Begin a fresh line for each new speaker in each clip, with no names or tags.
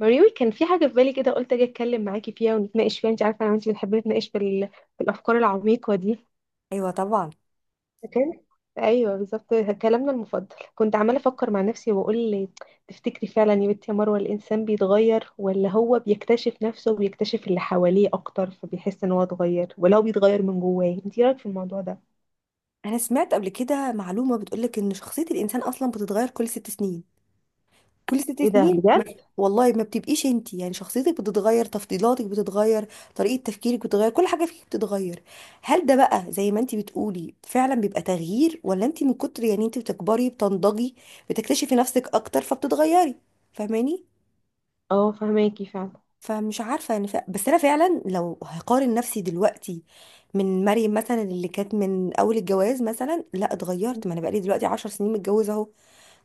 مريوي، كان في حاجة في بالي كده قلت أجي أتكلم معاكي فيها ونتناقش فيها. أنت عارفة أنا وأنت بنحب نتناقش في في الأفكار العميقة دي.
ايوه، طبعا.
فكان أيوه بالظبط، كلامنا المفضل. كنت عمالة أفكر مع نفسي وأقول: تفتكري فعلا يا بنتي يا مروة، الإنسان بيتغير ولا هو بيكتشف نفسه وبيكتشف اللي حواليه أكتر فبيحس إن هو اتغير، ولا هو بيتغير من جواه؟ أنت إيه رأيك في الموضوع ده؟
انا سمعت قبل كده معلومه بتقولك ان شخصيه الانسان اصلا بتتغير كل ست سنين. كل ست
إيه ده
سنين
بجد؟
ما والله ما بتبقيش انت، يعني شخصيتك بتتغير، تفضيلاتك بتتغير، طريقه تفكيرك بتتغير، كل حاجه فيك بتتغير. هل ده بقى زي ما انت بتقولي فعلا بيبقى تغيير، ولا انت من كتر يعني انت بتكبري بتنضجي بتكتشفي نفسك اكتر فبتتغيري؟ فاهماني؟
أه، فهماكي فعلا.
فمش عارفة يعني بس أنا فعلا لو هقارن نفسي دلوقتي من مريم مثلا، اللي كانت من أول الجواز مثلا، لا اتغيرت، ما أنا بقالي دلوقتي عشر سنين متجوزة أهو،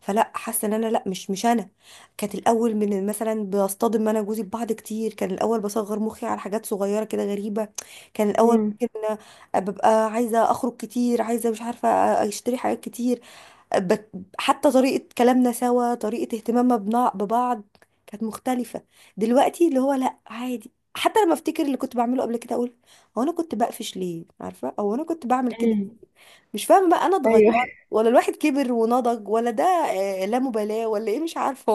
فلا حاسة إن أنا، لا، مش أنا كانت الأول. من مثلا بصطدم أنا وجوزي ببعض كتير، كان الأول بصغر مخي على حاجات صغيرة كده غريبة. كان الأول
أمم.
ممكن ببقى عايزة أخرج كتير، عايزة مش عارفة أشتري حاجات كتير. بت- حتى طريقة كلامنا سوا، طريقة اهتمامنا ببعض كانت مختلفة. دلوقتي اللي هو لا، عادي، حتى لما افتكر اللي كنت بعمله قبل كده اقول هو انا كنت بقفش ليه؟ عارفة؟ او انا كنت بعمل كده؟
أمم.
مش فاهمة بقى، انا اتغيرت
أيوه.
ولا الواحد كبر ونضج، ولا ده لا مبالاة ولا ايه؟ مش عارفة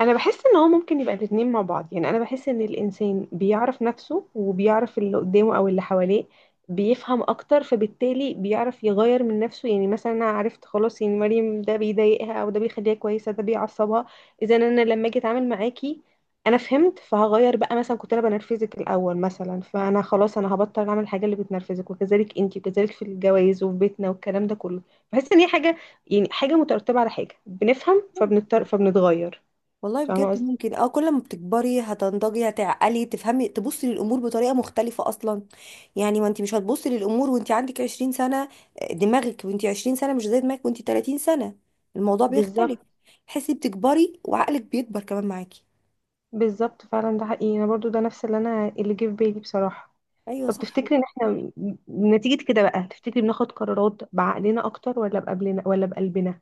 انا بحس ان هو ممكن يبقى الاتنين مع بعض، يعني انا بحس ان الانسان بيعرف نفسه وبيعرف اللي قدامه او اللي حواليه، بيفهم اكتر فبالتالي بيعرف يغير من نفسه. يعني مثلا انا عرفت خلاص، يعني مريم ده بيضايقها او ده بيخليها كويسه ده بيعصبها. اذا انا لما اجي اتعامل معاكي انا فهمت فهغير بقى، مثلا كنت انا بنرفزك الاول مثلا فانا خلاص انا هبطل اعمل الحاجه اللي بتنرفزك، وكذلك انتي وكذلك في الجواز وفي بيتنا والكلام ده كله. بحس ان هي حاجه، يعني حاجه مترتبه على حاجه، بنفهم
والله.
فبنضطر فبنتغير.
والله
فاهمة
بجد
قصدي؟
ممكن، اه، كل ما بتكبري هتنضجي هتعقلي تفهمي تبصي للامور بطريقه مختلفه اصلا. يعني ما انت مش هتبصي للامور وانت عندك 20 سنه. دماغك وانت 20 سنه مش زي دماغك وانت 30 سنه، الموضوع بيختلف.
بالظبط.
تحسي بتكبري وعقلك بيكبر كمان معاكي.
بالظبط فعلا، ده حقيقي، انا برضو ده نفس اللي انا اللي جه في بالي بصراحة.
ايوه
طب
صح.
تفتكري ان احنا نتيجة كده بقى، تفتكري بناخد قرارات بعقلنا اكتر ولا بقبلنا ولا بقلبنا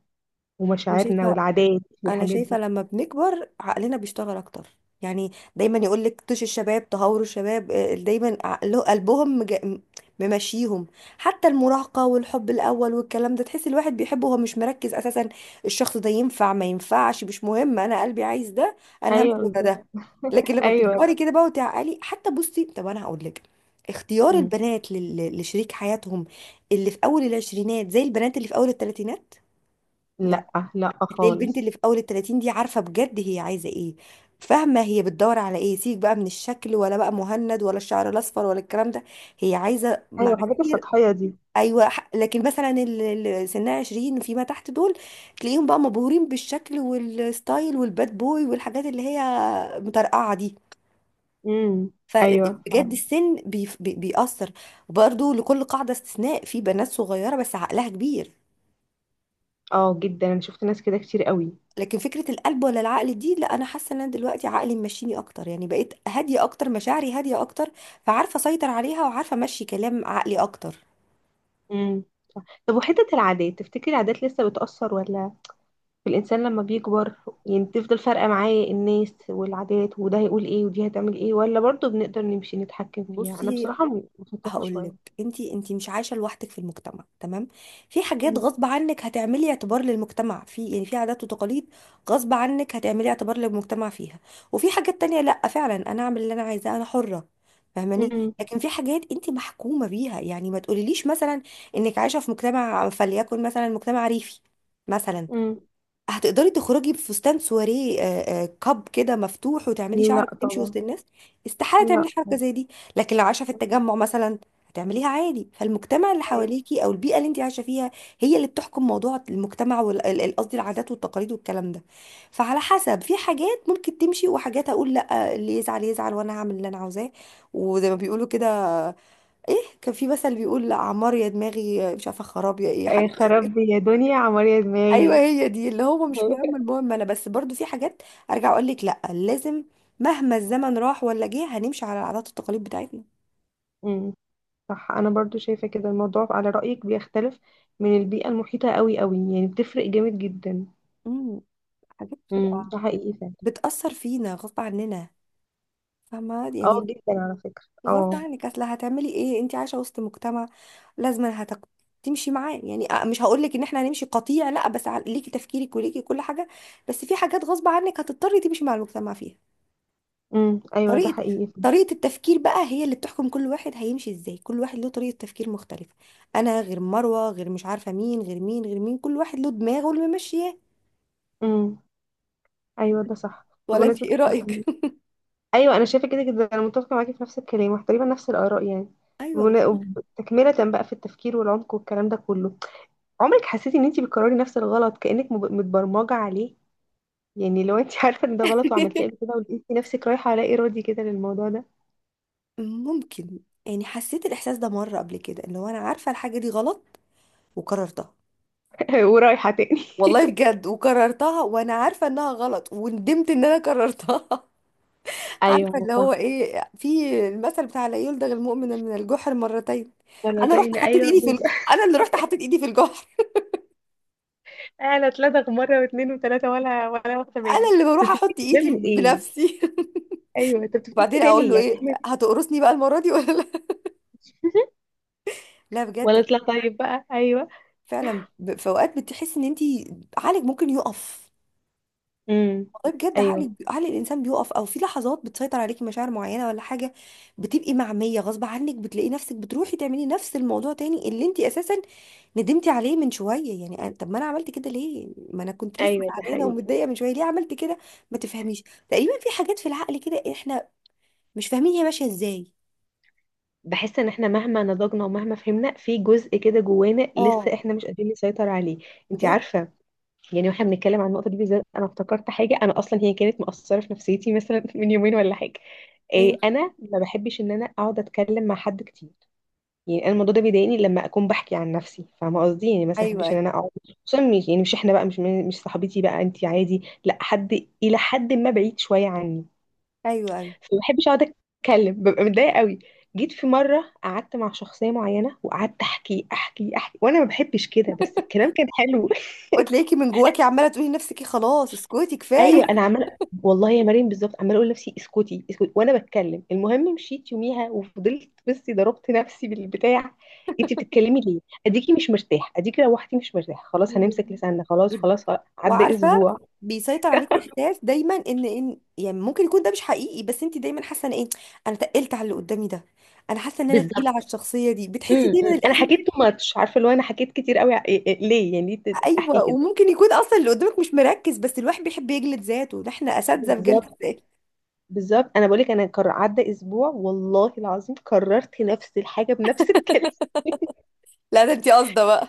انا
ومشاعرنا
شايفه
والعادات
انا
والحاجات
شايفه
دي؟
لما بنكبر عقلنا بيشتغل اكتر، يعني دايما يقول لك طش الشباب، تهور الشباب. دايما عقله قلبهم ممشيهم. حتى المراهقه والحب الاول والكلام ده، تحس الواحد بيحبه وهو مش مركز اساسا الشخص ده ينفع ما ينفعش، مش مهم، انا قلبي عايز ده، انا
ايوه
همشي ورا
بالظبط.
ده. لكن لما
ايوه.
بتكبري كده بقى وتعقلي، حتى بصي طب انا هقول لك، اختيار
مم.
البنات لشريك حياتهم، اللي في اول العشرينات زي البنات اللي في اول الثلاثينات.
لا. لا
هتلاقي البنت اللي
خالص.
في اول التلاتين دي عارفه بجد هي عايزه ايه، فاهمه هي بتدور على ايه، سيبك بقى من الشكل ولا بقى مهند ولا الشعر الاصفر ولا الكلام ده، هي عايزه
ايوه، الحاجات
معايير.
السطحية دي.
ايوه لكن مثلا اللي سنها 20 فيما تحت دول، تلاقيهم بقى مبهورين بالشكل والستايل والباد بوي والحاجات اللي هي مطرقعه دي.
امم. ايوه
فبجد
فعلا.
السن بيأثر. وبرده لكل قاعده استثناء، في بنات صغيره بس عقلها كبير.
اه جدا، انا شفت ناس كده كتير قوي.
لكن فكرة القلب ولا العقل دي، لا، انا حاسة ان انا دلوقتي عقلي ماشيني اكتر، يعني بقيت هادية اكتر، مشاعري هادية اكتر، فعارفة اسيطر عليها وعارفة امشي كلام عقلي اكتر.
امم. طب وحتة العادات، تفتكري العادات لسه بتأثر ولا الإنسان لما بيكبر يعني بتفضل فارقة معاه الناس والعادات وده هيقول ايه ودي هتعمل ايه، ولا برضه بنقدر نمشي نتحكم فيها؟ أنا
بصي
بصراحة مشتتة شوية.
هقولك، انتي مش عايشه لوحدك في المجتمع، تمام؟ في حاجات
م-
غصب عنك هتعملي اعتبار للمجتمع في، يعني في عادات وتقاليد غصب عنك هتعملي اعتبار للمجتمع فيها. وفي حاجات تانية لا، فعلا انا اعمل اللي انا عايزاه، انا حره. فاهماني؟
م-
لكن في حاجات انتي محكومه بيها، يعني ما تقوليليش مثلا انك عايشه في مجتمع فليكن مثلا مجتمع ريفي مثلا،
م.
هتقدري تخرجي بفستان سواريه كاب كده مفتوح وتعملي
لا
شعرك وتمشي
طبعا.
وسط الناس؟ استحاله تعملي
لا
حركه
طبعا.
زي دي. لكن لو عايشه في التجمع مثلا، هتعمليها عادي. فالمجتمع اللي حواليكي او البيئه اللي انت عايشه فيها هي اللي بتحكم موضوع المجتمع، وقصدي العادات والتقاليد والكلام ده. فعلى حسب، في حاجات ممكن تمشي، وحاجات اقول لا، اللي يزعل يزعل وانا هعمل اللي انا عاوزاه. وزي ما بيقولوا كده، ايه؟ كان في مثل بيقول لا عمار يا دماغي، مش عارفه خراب يا ايه
إيه،
حاجه.
خراب بي يا دنيا، عمر يا
ايوه،
دماغي.
هي دي، اللي هو مش مهم، المهم انا. بس برضو في حاجات ارجع اقول لك لا لازم، مهما الزمن راح ولا جه هنمشي على العادات والتقاليد بتاعتنا.
امم. صح، انا برضو شايفه كده، الموضوع على رايك بيختلف من البيئه المحيطه قوي قوي، يعني بتفرق جامد جدا.
امم حاجات
امم.
بتبقى
ده حقيقي فعلا.
بتأثر فينا غصب عننا، فاهمة
اه
يعني؟
جدا، على فكره
غصب
اه.
عنك، اصل هتعملي ايه، انت عايشة وسط مجتمع لازم تمشي معاه، يعني مش هقول لك ان احنا هنمشي قطيع، لا، بس ليكي تفكيرك وليكي كل حاجة، بس في حاجات غصب عنك هتضطري تمشي مع المجتمع فيها.
ايوه، ده
طريقة
حقيقي
طريقة التفكير بقى هي اللي بتحكم، كل واحد هيمشي ازاي، كل واحد له طريقة تفكير مختلفة. انا غير مروة غير مش عارفة مين غير مين غير مين، كل واحد له دماغه اللي ممشياه.
فعلا. ايوه ده صح.
ولا انت
بمناسبه
ايه رأيك؟
ايوه، انا شايفه كده جدا، انا متفقه معاكي في نفس الكلام وتقريبا نفس الاراء يعني.
ايوه.
تكمله بقى في التفكير والعمق والكلام ده كله. عمرك حسيتي ان انت بتكرري نفس الغلط كانك متبرمجه عليه؟ يعني لو انت عارفه ان ده غلط وعملتيه قبل كده ولقيتي نفسك رايحه لا ارادي كده للموضوع ده.
ممكن. يعني حسيت الاحساس ده مرة قبل كده، اللي هو انا عارفة الحاجة دي غلط وكررتها.
ورايحه تاني.
والله بجد وكررتها وانا عارفة انها غلط وندمت ان انا كررتها.
ايوه
عارفه
انا
اللي هو
فاهمه.
ايه؟ في المثل بتاع لا يلدغ المؤمن من الجحر مرتين.
انا
انا رحت
تاني
حطيت
ايوه
ايدي في
بس.
انا اللي رحت حطيت ايدي في الجحر،
انا اتلدغ مره واثنين وثلاثه ولا واخده
انا
بالي.
اللي بروح
بتفتكري
احط
ده
ايدي
من ايه؟
بنفسي.
ايوه، انت بتفتكري
وبعدين
ده
اقول
ليه؟
له
يعني
ايه،
احنا.
هتقرصني بقى المره دي ولا لا؟ لا
ولا
بجد،
اطلع طيب بقى؟ ايوه.
فعلا في اوقات بتحس ان انت عقلك ممكن يقف.
امم.
والله بجد،
ايوه.
عقل الانسان بيقف، او في لحظات بتسيطر عليكي مشاعر معينه ولا حاجه، بتبقي معميه غصب عنك، بتلاقي نفسك بتروحي تعملي نفس الموضوع تاني اللي انت اساسا ندمتي عليه من شويه، يعني طب ما انا عملت كده ليه؟ ما انا كنت لسه
ايوه ده
زعلانه
حقيقي.
ومتضايقه من شويه، ليه عملت كده؟ ما تفهميش. تقريبا في حاجات في العقل كده احنا مش فاهمين هي ماشيه ازاي.
بحس ان احنا مهما نضجنا ومهما فهمنا، في جزء كده جوانا
اه،
لسه احنا مش قادرين نسيطر عليه. انت
بجد.
عارفه، يعني واحنا بنتكلم عن النقطه دي بالذات انا افتكرت حاجه، انا اصلا هي كانت مأثره في نفسيتي مثلا من يومين ولا حاجه.
ايه.
إيه، انا ما بحبش ان انا اقعد اتكلم مع حد كتير. يعني انا الموضوع ده بيضايقني لما اكون بحكي عن نفسي، فاهمه قصدي؟ يعني مثلا ما
ايوه
بحبش ان
ايوه
انا اقعد، خصوصا يعني مش احنا بقى مش صاحبتي بقى انت، عادي، لا، حد الى حد ما بعيد شويه عني.
ايوه
فما بحبش اقعد اتكلم، ببقى متضايقه قوي. جيت في مره قعدت مع شخصيه معينه وقعدت احكي احكي احكي وانا ما بحبش كده، بس الكلام كان حلو.
وتلاقيكي من جواكي عماله تقولي لنفسك خلاص اسكتي
ايوه
كفايه.
انا عماله. والله يا مريم بالظبط، عماله اقول لنفسي اسكتي اسكتي وانا بتكلم. المهم مشيت يوميها وفضلت بصي، ضربت نفسي بالبتاع: انت بتتكلمي ليه؟ اديكي مش مرتاح، اديكي روحتي مش مرتاح، خلاص
ايوه.
هنمسك لساننا. خلاص خلاص خلاص. عدى
وعارفه
اسبوع.
بيسيطر عليكي احساس دايما ان يعني ممكن يكون ده مش حقيقي، بس انت دايما حاسه ان ايه؟ انا تقلت على اللي قدامي ده، انا حاسه ان انا تقيله على
بالظبط.
الشخصيه دي، بتحسي
امم.
دايما
انا
الاحساس ده.
حكيت تو ماتش، عارفه اللي هو انا حكيت كتير قوي. ليه؟ يعني احكي
ايوه
كده؟
وممكن يكون اصلا اللي قدامك مش مركز، بس الواحد بيحب يجلد ذاته، ده احنا اساتذه في جلد
بالظبط.
الذات.
بالظبط، انا بقولك انا عدى اسبوع والله العظيم كررت نفس الحاجه بنفس الكلام.
لا ده انت قاصده بقى.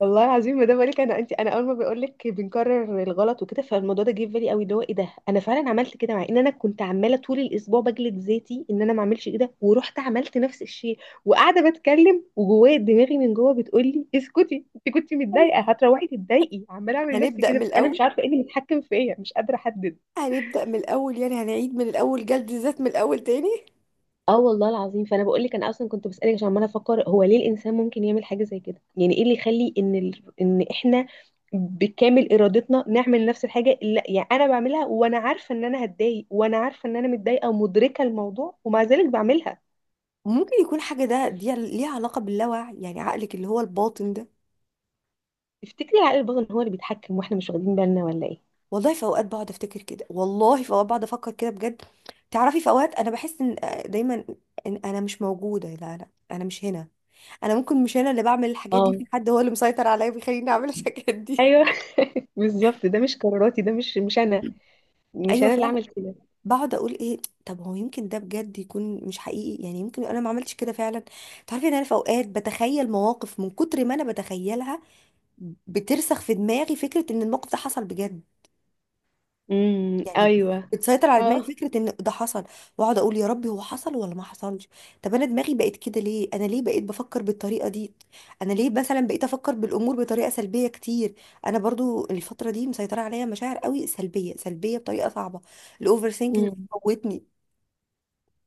والله العظيم، ما ده بقولك انا انت، انا اول ما بقولك بنكرر الغلط وكده، فالموضوع ده جه في بالي قوي، اللي هو ايه ده، انا فعلا عملت كده مع ان انا كنت عماله طول الاسبوع بجلد ذاتي ان انا ما اعملش كده ورحت عملت نفس الشيء. وقاعده بتكلم وجوايا دماغي من جوه بتقول لي اسكتي، انت كنت متضايقه هتروحي تتضايقي، عماله اعمل نفسي
هنبدا
كده.
من
بس انا مش
الاول
عارفه ايه اللي متحكم فيا، مش قادره احدد.
هنبدا من الاول، يعني هنعيد من الاول جلد الذات من الاول تاني.
اه والله العظيم. فانا بقول لك انا اصلا كنت بسالك عشان عماله افكر، هو ليه الانسان ممكن يعمل حاجه زي كده؟ يعني ايه اللي يخلي ان ان احنا بكامل ارادتنا نعمل نفس الحاجه اللي، يعني انا بعملها وانا عارفه ان انا هتضايق، وانا عارفه ان انا متضايقه ومدركه الموضوع ومع ذلك بعملها.
ممكن يكون حاجه ده دي ليها علاقه باللاوعي، يعني عقلك اللي هو الباطن ده.
تفتكري العقل الباطن هو اللي بيتحكم واحنا مش واخدين بالنا، ولا ايه؟
والله في اوقات بقعد افتكر كده، والله في اوقات بقعد افكر كده بجد. تعرفي في اوقات انا بحس ان، دايما ان انا مش موجوده، لا، انا مش هنا، انا ممكن مش انا اللي بعمل الحاجات دي، في
اه.
حد هو اللي مسيطر عليا بيخليني اعمل الحاجات دي.
ايوه. بالظبط، ده مش قراراتي، ده مش انا، مش
ايوه
انا اللي
فعلا.
عمل كده.
بقعد اقول ايه، طب هو يمكن ده بجد يكون مش حقيقي، يعني يمكن انا ما عملتش كده فعلا. تعرفي ان انا في اوقات بتخيل مواقف، من كتر ما انا بتخيلها بترسخ في دماغي فكره ان الموقف ده حصل بجد.
امم.
يعني
ايوه.
بتسيطر على دماغي
اه.
فكرة ان ده حصل، واقعد اقول يا ربي هو حصل ولا ما حصلش. طب انا دماغي بقت كده ليه؟ انا ليه بقيت بفكر بالطريقة دي؟ انا ليه مثلا بقيت افكر بالامور بطريقة سلبية كتير؟ انا برضو الفترة دي مسيطرة عليا مشاعر قوي سلبية، سلبية بطريقة صعبة. الاوفر ثينكينج
امم.
موتني،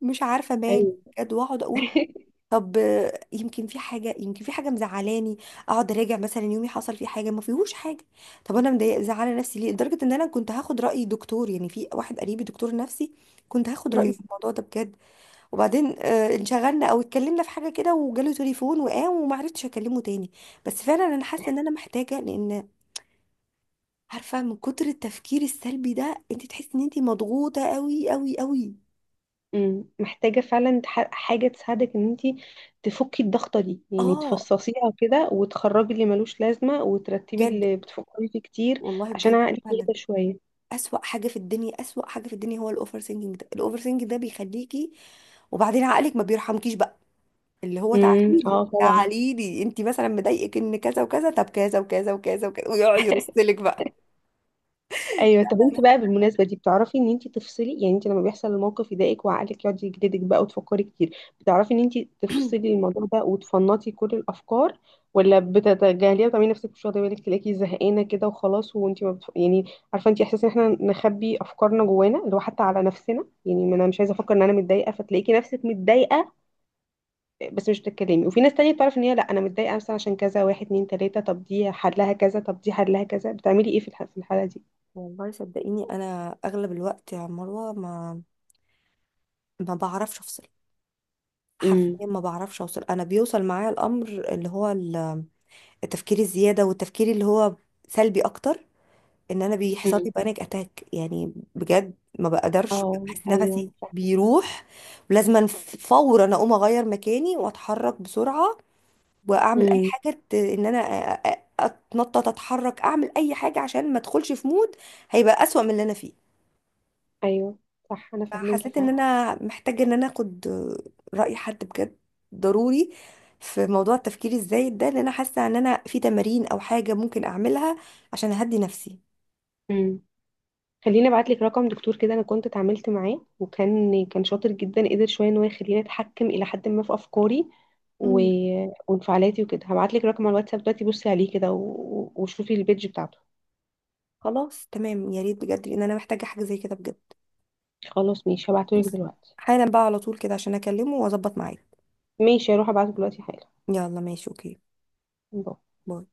مش عارفة مالي
ايوه.
بجد. واقعد اقول طب، يمكن في حاجه، مزعلاني. اقعد اراجع مثلا يومي، حصل فيه حاجه، ما فيهوش حاجه. طب انا مضايقه زعلانه نفسي ليه؟ لدرجه ان انا كنت هاخد راي دكتور، يعني في واحد قريبي دكتور نفسي، كنت هاخد رايه
امم.
في الموضوع ده بجد. وبعدين انشغلنا او اتكلمنا في حاجه كده وجاله تليفون وقام وما عرفتش اكلمه تاني. بس فعلا انا حاسه ان انا محتاجه، لان عارفه من كتر التفكير السلبي ده انت تحسي ان انت مضغوطه قوي قوي قوي.
مم. محتاجة فعلا حاجة تساعدك ان انتي تفكي الضغطة دي، يعني
اه
تفصصيها كده وتخرجي اللي ملوش لازمة وترتبي
بجد،
اللي بتفكري فيه كتير،
والله
عشان
بجد
عقلك
فعلا.
يهدى شوية.
أسوأ حاجة في الدنيا، أسوأ حاجة في الدنيا هو الأوفر ثينكينج ده. الأوفر ثينكينج ده بيخليكي، وبعدين عقلك ما بيرحمكيش بقى، اللي هو
امم.
تعاليلي
اه طبعا.
تعاليلي، انت مثلا مضايقك ان كذا وكذا، طب كذا وكذا وكذا وكذا، ويقعد يرسلك بقى.
ايوه، طب
لا
انت بقى بالمناسبه دي بتعرفي ان انت تفصلي؟ يعني انت لما بيحصل الموقف يضايقك وعقلك يقعد يجلدك بقى وتفكري كتير، بتعرفي ان انت تفصلي الموضوع ده وتفنطي كل الافكار، ولا بتتجاهليها وتعملي نفسك مش واخده بالك تلاقيكي زهقانه كده وخلاص، وانت ما بتف... يعني، عارفه انت احساس ان احنا نخبي افكارنا جوانا اللي هو حتى على نفسنا، يعني ما انا مش عايزه افكر ان انا متضايقه فتلاقيكي نفسك متضايقه بس مش بتتكلمي. وفي ناس تانية بتعرف ان هي لا، انا متضايقه مثلا عشان كذا، واحد اتنين تلاته، طب دي حلها كذا طب دي حلها كذا. بتعملي ايه في الحاله دي؟
والله صدقيني، انا اغلب الوقت يا مروه ما بعرفش افصل، حرفيا ما بعرفش اوصل. انا بيوصل معايا الامر، اللي هو التفكير الزياده، والتفكير اللي هو سلبي اكتر، ان انا بيحصل
امم.
لي بانيك اتاك. يعني بجد ما بقدرش،
اه
بحس
ايوه،
نفسي
أنا فاهمة.
بيروح، ولازم فورا اقوم اغير مكاني واتحرك بسرعه واعمل اي
امم.
حاجه، ان انا اتنطط، اتحرك، اعمل اي حاجه عشان ما ادخلش في مود هيبقى اسوأ من اللي انا فيه.
ايوه صح، انا فاهماكي
فحسيت ان
فعلا.
انا محتاجه ان انا اخد راي حد بجد، ضروري، في موضوع التفكير الزايد ده، لان انا حاسه ان انا في تمارين او حاجه ممكن اعملها عشان اهدي نفسي.
امم. خليني ابعت لك رقم دكتور كده، انا كنت اتعاملت معاه وكان كان شاطر جدا، قدر شويه ان هو يخليني اتحكم الى حد ما في افكاري و... وانفعالاتي وكده. هبعت لك رقم على الواتساب دلوقتي، بصي عليه كده وشوفي البيج بتاعته.
خلاص تمام، يا ريت بجد لان انا محتاجه حاجه زي كده بجد.
خلاص ماشي، هبعته لك
بس
دلوقتي.
حالا بقى، على طول كده، عشان اكلمه واظبط معاك.
ماشي هروح ابعته دلوقتي حالا.
يلا ماشي، اوكي،
باي.
باي.